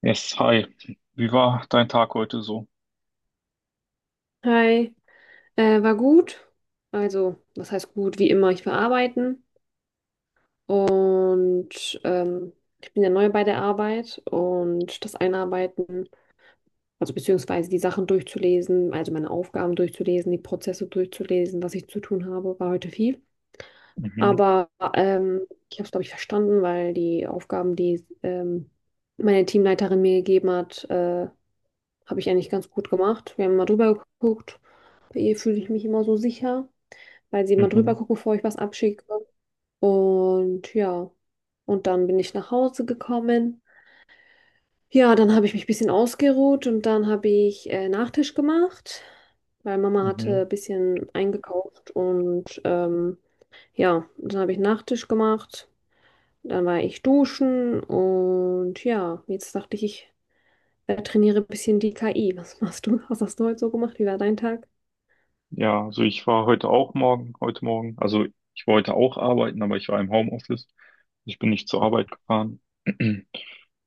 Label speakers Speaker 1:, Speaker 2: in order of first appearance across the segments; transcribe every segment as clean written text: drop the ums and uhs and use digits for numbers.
Speaker 1: Yes, hi. Wie war dein Tag heute so?
Speaker 2: Hi, war gut. Also, was heißt gut? Wie immer, ich war arbeiten und ich bin ja neu bei der Arbeit und das Einarbeiten, also beziehungsweise die Sachen durchzulesen, also meine Aufgaben durchzulesen, die Prozesse durchzulesen, was ich zu tun habe, war heute viel.
Speaker 1: Mhm,
Speaker 2: Aber ähm, ich habe es, glaube ich, verstanden, weil die Aufgaben, die meine Teamleiterin mir gegeben hat, habe ich eigentlich ganz gut gemacht. Wir haben mal drüber geguckt. Bei ihr fühle ich mich immer so sicher, weil sie immer drüber
Speaker 1: mhm,
Speaker 2: gucken, bevor ich was abschicke. Und ja, und dann bin ich nach Hause gekommen. Ja, dann habe ich mich ein bisschen ausgeruht und dann habe ich Nachtisch gemacht, weil Mama hatte
Speaker 1: mhm.
Speaker 2: ein bisschen eingekauft und ja, dann habe ich Nachtisch gemacht. Dann war ich duschen und ja, jetzt dachte ich, ich trainiere ein bisschen die KI. Was machst du? Was hast du heute so gemacht? Wie war dein Tag?
Speaker 1: Ja, also ich war heute heute Morgen, also ich wollte auch arbeiten, aber ich war im Homeoffice. Ich bin nicht zur Arbeit gefahren.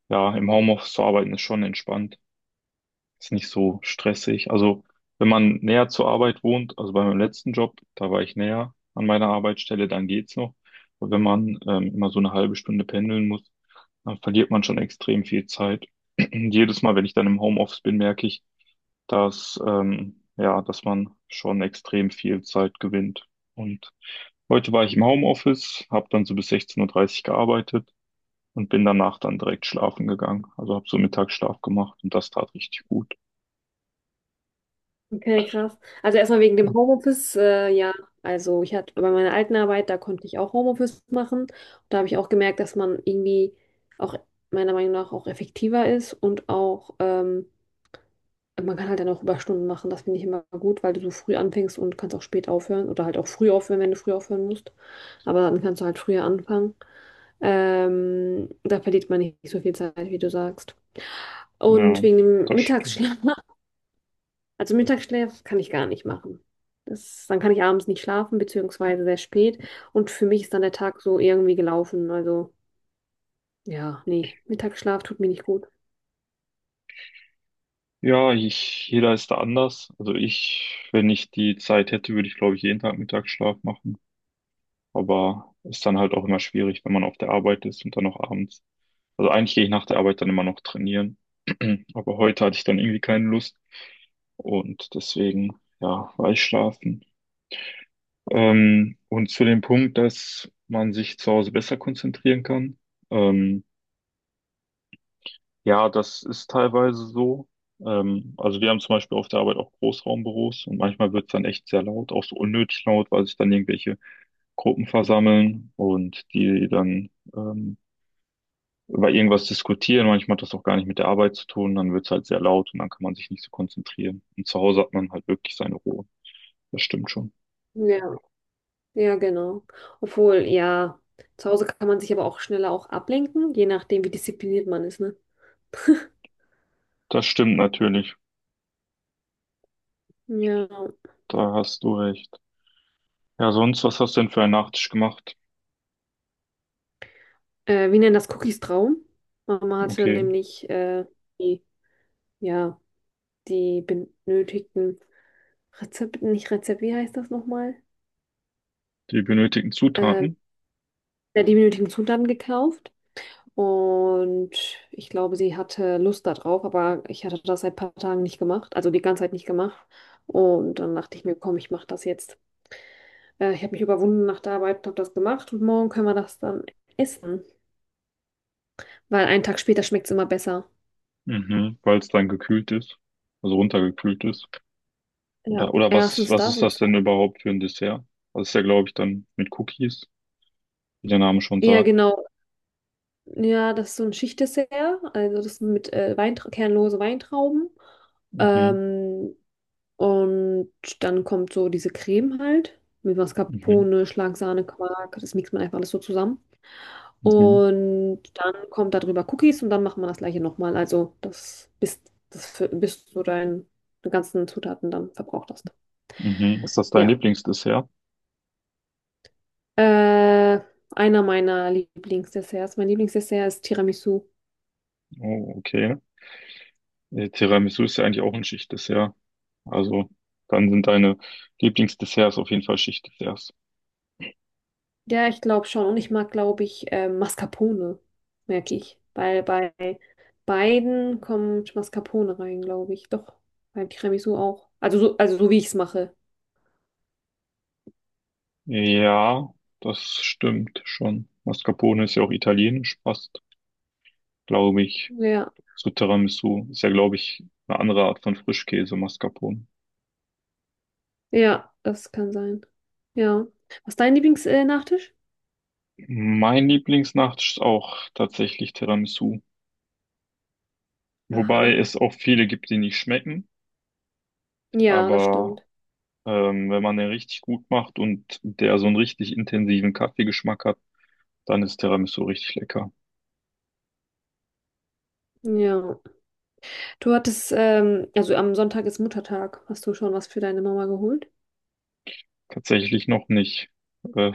Speaker 1: Ja, im Homeoffice zu arbeiten ist schon entspannt. Ist nicht so stressig. Also, wenn man näher zur Arbeit wohnt, also bei meinem letzten Job, da war ich näher an meiner Arbeitsstelle, dann geht's noch. Aber wenn man immer so eine halbe Stunde pendeln muss, dann verliert man schon extrem viel Zeit. Jedes Mal, wenn ich dann im Homeoffice bin, merke ich, dass, ja, dass man schon extrem viel Zeit gewinnt. Und heute war ich im Homeoffice, habe dann so bis 16:30 Uhr dreißig gearbeitet und bin danach dann direkt schlafen gegangen. Also habe so Mittagsschlaf gemacht und das tat richtig gut.
Speaker 2: Okay, krass. Also erstmal wegen dem Homeoffice, ja, also ich hatte bei meiner alten Arbeit, da konnte ich auch Homeoffice machen. Da habe ich auch gemerkt, dass man irgendwie auch meiner Meinung nach auch effektiver ist und auch man kann halt dann auch Überstunden machen. Das finde ich immer gut, weil du so früh anfängst und kannst auch spät aufhören oder halt auch früh aufhören, wenn du früh aufhören musst. Aber dann kannst du halt früher anfangen. Da verliert man nicht so viel Zeit, wie du sagst. Und
Speaker 1: Ja,
Speaker 2: wegen dem
Speaker 1: das stimmt.
Speaker 2: Mittagsschlaf. Also Mittagsschlaf kann ich gar nicht machen. Das, dann kann ich abends nicht schlafen, beziehungsweise sehr spät. Und für mich ist dann der Tag so irgendwie gelaufen. Also ja, nee, Mittagsschlaf tut mir nicht gut.
Speaker 1: Ja, ich, jeder ist da anders. Also ich, wenn ich die Zeit hätte, würde ich, glaube ich, jeden Tag Mittagsschlaf machen. Aber ist dann halt auch immer schwierig, wenn man auf der Arbeit ist und dann noch abends. Also eigentlich gehe ich nach der Arbeit dann immer noch trainieren. Aber heute hatte ich dann irgendwie keine Lust. Und deswegen, ja, war ich schlafen. Und zu dem Punkt, dass man sich zu Hause besser konzentrieren kann. Ähm, Ja, das ist teilweise so. Also wir haben zum Beispiel auf der Arbeit auch Großraumbüros und manchmal wird es dann echt sehr laut, auch so unnötig laut, weil sich dann irgendwelche Gruppen versammeln und die dann über irgendwas diskutieren. Manchmal hat das auch gar nicht mit der Arbeit zu tun, dann wird es halt sehr laut und dann kann man sich nicht so konzentrieren. Und zu Hause hat man halt wirklich seine Ruhe. Das stimmt schon.
Speaker 2: Ja, ja, genau. Obwohl, ja, zu Hause kann man sich aber auch schneller auch ablenken, je nachdem, wie diszipliniert man ist, ne?
Speaker 1: Das stimmt natürlich.
Speaker 2: Ja.
Speaker 1: Da hast du recht. Ja, sonst, was hast du denn für einen Nachtisch gemacht?
Speaker 2: Wir nennen das Cookies Traum. Mama hatte
Speaker 1: Okay,
Speaker 2: nämlich die, ja, die benötigten Rezepte, nicht Rezept, wie heißt das nochmal?
Speaker 1: die benötigten
Speaker 2: Ähm,
Speaker 1: Zutaten.
Speaker 2: Der die benötigten Zutaten gekauft und ich glaube, sie hatte Lust darauf, aber ich hatte das seit ein paar Tagen nicht gemacht, also die ganze Zeit nicht gemacht. Und dann dachte ich mir, komm, ich mache das jetzt. Ich habe mich überwunden nach der Arbeit und habe das gemacht und morgen können wir das dann essen, weil einen Tag später schmeckt es immer besser.
Speaker 1: Mhm, weil es dann gekühlt ist, also runtergekühlt ist.
Speaker 2: Ja,
Speaker 1: Oder was,
Speaker 2: erstens
Speaker 1: was
Speaker 2: das
Speaker 1: ist
Speaker 2: und
Speaker 1: das denn
Speaker 2: zweitens,
Speaker 1: überhaupt für ein Dessert? Das ist ja, glaube ich, dann mit Cookies, wie der Name schon
Speaker 2: ja
Speaker 1: sagt.
Speaker 2: genau, ja, das ist so ein Schichtdessert, also das mit Weintra kernlose Weintrauben.
Speaker 1: Mhm,
Speaker 2: Ähm, Und dann kommt so diese Creme halt mit
Speaker 1: mhm,
Speaker 2: Mascarpone, Schlagsahne, Quark. Das mixt man einfach alles so zusammen.
Speaker 1: mhm,
Speaker 2: Und dann kommt darüber Cookies und dann macht man das gleiche nochmal. Also das bis, das, für- bis du deine ganzen Zutaten dann verbraucht hast.
Speaker 1: mhm. Ist das dein
Speaker 2: Ja.
Speaker 1: Lieblingsdessert?
Speaker 2: Äh, Einer meiner Lieblingsdesserts. Mein Lieblingsdessert ist Tiramisu.
Speaker 1: Oh, okay. Tiramisu ist ja eigentlich auch ein Schichtdessert. Also, dann sind deine Lieblingsdesserts auf jeden Fall Schichtdesserts.
Speaker 2: Ja, ich glaube schon. Und ich mag, glaube ich, Mascarpone, merke ich. Weil bei beiden kommt Mascarpone rein, glaube ich. Doch, beim Tiramisu auch. Also so wie ich es mache.
Speaker 1: Ja, das stimmt schon. Mascarpone ist ja auch italienisch fast, glaube ich.
Speaker 2: Ja,
Speaker 1: So Tiramisu ist ja, glaube ich, eine andere Art von Frischkäse, Mascarpone.
Speaker 2: ja, das kann sein. Ja. Was ist dein Lieblingsnachtisch?
Speaker 1: Mein Lieblingsnacht ist auch tatsächlich Tiramisu. Wobei
Speaker 2: Aha.
Speaker 1: es auch viele gibt, die nicht schmecken.
Speaker 2: Ja, das
Speaker 1: Aber
Speaker 2: stimmt.
Speaker 1: wenn man den richtig gut macht und der so einen richtig intensiven Kaffeegeschmack hat, dann ist Tiramisu richtig lecker.
Speaker 2: Ja. Du hattest, also am Sonntag ist Muttertag. Hast du schon was für deine Mama geholt?
Speaker 1: Tatsächlich noch nicht. Äh,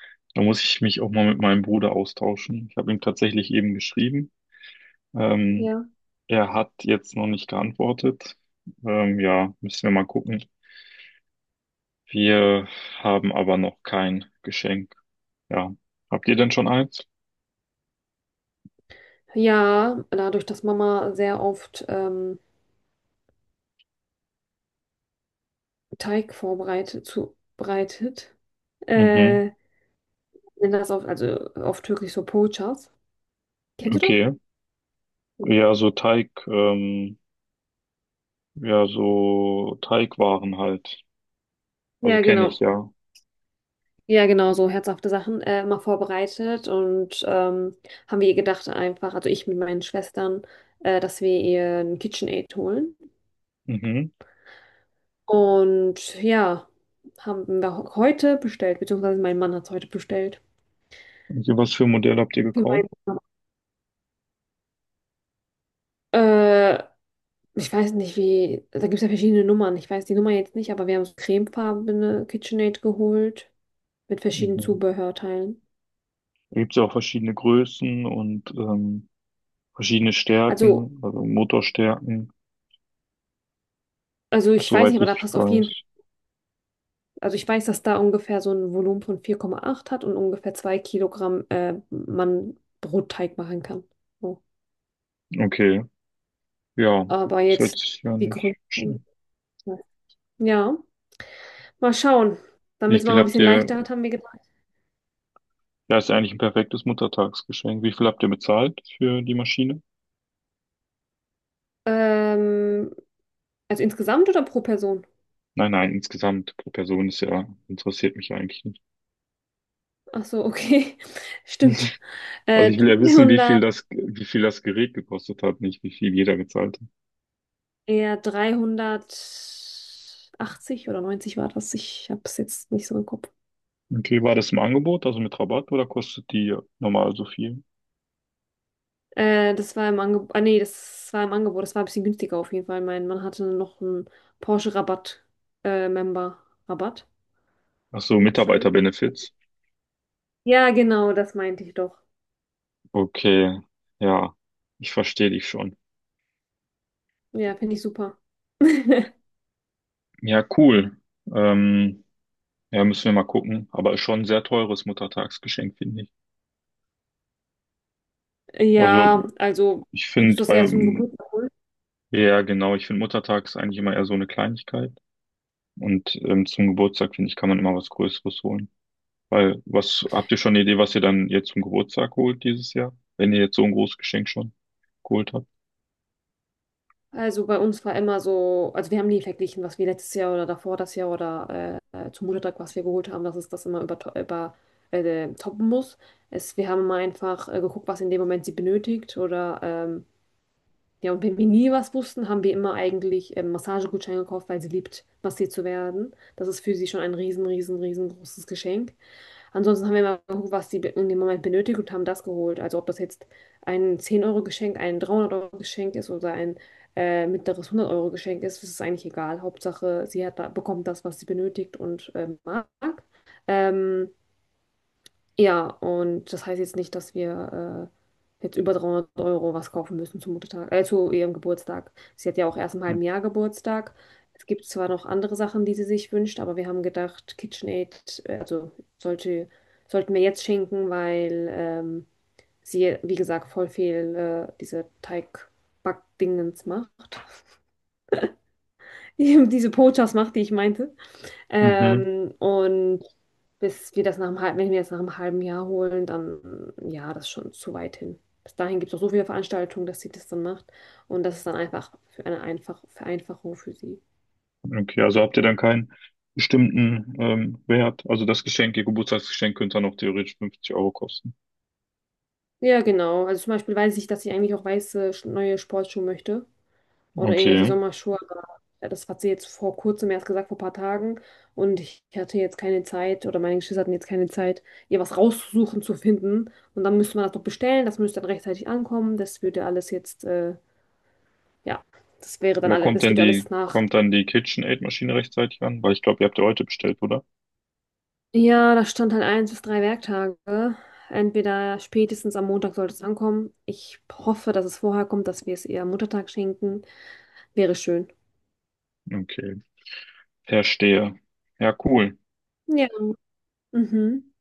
Speaker 1: da muss ich mich auch mal mit meinem Bruder austauschen. Ich habe ihm tatsächlich eben geschrieben. Ähm,
Speaker 2: Ja.
Speaker 1: Er hat jetzt noch nicht geantwortet. Ja, müssen wir mal gucken. Wir haben aber noch kein Geschenk. Ja. Habt ihr denn schon eins?
Speaker 2: Ja, dadurch, dass Mama sehr oft Teig vorbereitet, zubereitet,
Speaker 1: Mhm.
Speaker 2: Äh, nennen das auf, also auf Türkisch so Poğaças. Kennst du das?
Speaker 1: Okay. Ja, so Teig, ja, so Teigwaren halt. Also
Speaker 2: Ja,
Speaker 1: kenne
Speaker 2: genau.
Speaker 1: ich ja.
Speaker 2: Ja, genau, so herzhafte Sachen immer vorbereitet und haben wir ihr gedacht einfach, also ich mit meinen Schwestern, dass wir ihr ein KitchenAid holen.
Speaker 1: Mhm.
Speaker 2: Und ja, haben wir heute bestellt, beziehungsweise mein Mann hat es heute bestellt.
Speaker 1: Also was für ein Modell habt ihr
Speaker 2: Für
Speaker 1: gekauft?
Speaker 2: meinen Mann. Äh, Ich weiß nicht, wie, da gibt es ja verschiedene Nummern. Ich weiß die Nummer jetzt nicht, aber wir haben so cremefarbene KitchenAid geholt mit verschiedenen
Speaker 1: Mhm.
Speaker 2: Zubehörteilen.
Speaker 1: Da gibt's ja auch verschiedene Größen und verschiedene
Speaker 2: Also,
Speaker 1: Stärken, also Motorstärken,
Speaker 2: also ich weiß nicht,
Speaker 1: soweit
Speaker 2: aber da
Speaker 1: ich
Speaker 2: passt auf jeden Fall.
Speaker 1: weiß.
Speaker 2: Also ich weiß, dass da ungefähr so ein Volumen von 4,8 hat und ungefähr 2 Kilogramm man Brotteig machen kann. So.
Speaker 1: Okay, ja,
Speaker 2: Aber
Speaker 1: das
Speaker 2: jetzt
Speaker 1: hört sich ja
Speaker 2: die
Speaker 1: nicht
Speaker 2: Größe.
Speaker 1: schlecht.
Speaker 2: Ja, mal schauen.
Speaker 1: Wie
Speaker 2: Damit es mal
Speaker 1: viel
Speaker 2: ein
Speaker 1: habt
Speaker 2: bisschen
Speaker 1: ihr
Speaker 2: leichter hat, haben wir gedacht.
Speaker 1: Ja, ist ja eigentlich ein perfektes Muttertagsgeschenk. Wie viel habt ihr bezahlt für die Maschine?
Speaker 2: Ähm, also insgesamt oder pro Person?
Speaker 1: Nein, nein, insgesamt pro Person ist ja, interessiert mich ja eigentlich nicht.
Speaker 2: Ach so, okay. Stimmt.
Speaker 1: Also ich will ja wissen,
Speaker 2: 300,
Speaker 1: wie viel das Gerät gekostet hat, nicht wie viel jeder gezahlt hat.
Speaker 2: eher 380 oder 90 war das. Ich habe es jetzt nicht so im Kopf.
Speaker 1: Okay, war das im Angebot, also mit Rabatt oder kostet die normal so viel?
Speaker 2: Das war im Angebot. Ah, nee, das war im Angebot. Das war ein bisschen günstiger auf jeden Fall. Mein Mann hatte noch einen Porsche-Rabatt, Member-Rabatt.
Speaker 1: Ach so,
Speaker 2: Gutschein.
Speaker 1: Mitarbeiterbenefits.
Speaker 2: Ja, genau, das meinte ich doch.
Speaker 1: Okay, ja, ich verstehe dich schon.
Speaker 2: Ja, finde ich super.
Speaker 1: Ja, cool. Ähm, ja, müssen wir mal gucken. Aber ist schon ein sehr teures Muttertagsgeschenk, finde ich.
Speaker 2: Ja,
Speaker 1: Also
Speaker 2: also
Speaker 1: ich
Speaker 2: würdest
Speaker 1: finde,
Speaker 2: du das eher
Speaker 1: bei
Speaker 2: zum Geburtstag holen?
Speaker 1: Ja, genau. Ich finde Muttertag ist eigentlich immer eher so eine Kleinigkeit. Und zum Geburtstag, finde ich, kann man immer was Größeres holen. Weil, was, habt ihr schon eine Idee, was ihr dann jetzt zum Geburtstag holt dieses Jahr? Wenn ihr jetzt so ein großes Geschenk schon geholt habt?
Speaker 2: Also bei uns war immer so, also wir haben nie verglichen, was wir letztes Jahr oder davor das Jahr oder zum Muttertag, was wir geholt haben, dass es das immer über, über toppen muss. Es, wir haben immer einfach geguckt, was in dem Moment sie benötigt oder ja, und wenn wir nie was wussten, haben wir immer eigentlich Massagegutscheine gekauft, weil sie liebt, massiert zu werden. Das ist für sie schon ein riesen, riesen, riesengroßes Geschenk. Ansonsten haben wir immer geguckt, was sie in dem Moment benötigt und haben das geholt. Also ob das jetzt ein 10 Euro Geschenk, ein 300 Euro Geschenk ist oder ein mittleres 100 Euro Geschenk ist, das ist eigentlich egal. Hauptsache, sie hat da, bekommt das, was sie benötigt und mag. Ähm, ja, und das heißt jetzt nicht, dass wir jetzt über 300 Euro was kaufen müssen zum Muttertag, zu ihrem Geburtstag. Sie hat ja auch erst im halben Jahr Geburtstag. Es gibt zwar noch andere Sachen, die sie sich wünscht, aber wir haben gedacht, KitchenAid, also sollte, sollten wir jetzt schenken, weil sie, wie gesagt, voll viel diese Teigbackdingens macht. Diese Pochas macht, die ich meinte.
Speaker 1: Mhm.
Speaker 2: Und bis wir das nach einem halben, wenn wir das nach einem halben Jahr holen, dann ja, das ist schon zu weit hin. Bis dahin gibt es auch so viele Veranstaltungen, dass sie das dann macht. Und das ist dann einfach für eine einfach Vereinfachung für sie.
Speaker 1: Okay, also habt ihr dann
Speaker 2: Ja.
Speaker 1: keinen bestimmten Wert? Also das Geschenk, ihr Geburtstagsgeschenk könnte dann auch theoretisch 50 Euro kosten.
Speaker 2: Ja, genau. Also zum Beispiel weiß ich, dass ich eigentlich auch neue Sportschuhe möchte, oder irgendwelche
Speaker 1: Okay.
Speaker 2: Sommerschuhe. Aber ja, das hat sie jetzt vor kurzem erst gesagt, vor ein paar Tagen. Und ich hatte jetzt keine Zeit oder meine Geschwister hatten jetzt keine Zeit, ihr was rauszusuchen, zu finden. Und dann müsste man das noch bestellen, das müsste dann rechtzeitig ankommen. Das würde alles jetzt, ja, das
Speaker 1: Aber kommt
Speaker 2: das
Speaker 1: denn
Speaker 2: würde alles
Speaker 1: die,
Speaker 2: nach.
Speaker 1: kommt dann die KitchenAid-Maschine rechtzeitig an? Weil ich glaube, ihr habt ja heute bestellt, oder?
Speaker 2: Ja, da stand halt 1 bis 3 Werktage. Entweder spätestens am Montag sollte es ankommen. Ich hoffe, dass es vorher kommt, dass wir es ihr am Muttertag schenken. Wäre schön.
Speaker 1: Okay. Verstehe. Ja, cool.
Speaker 2: Ja. Mhm.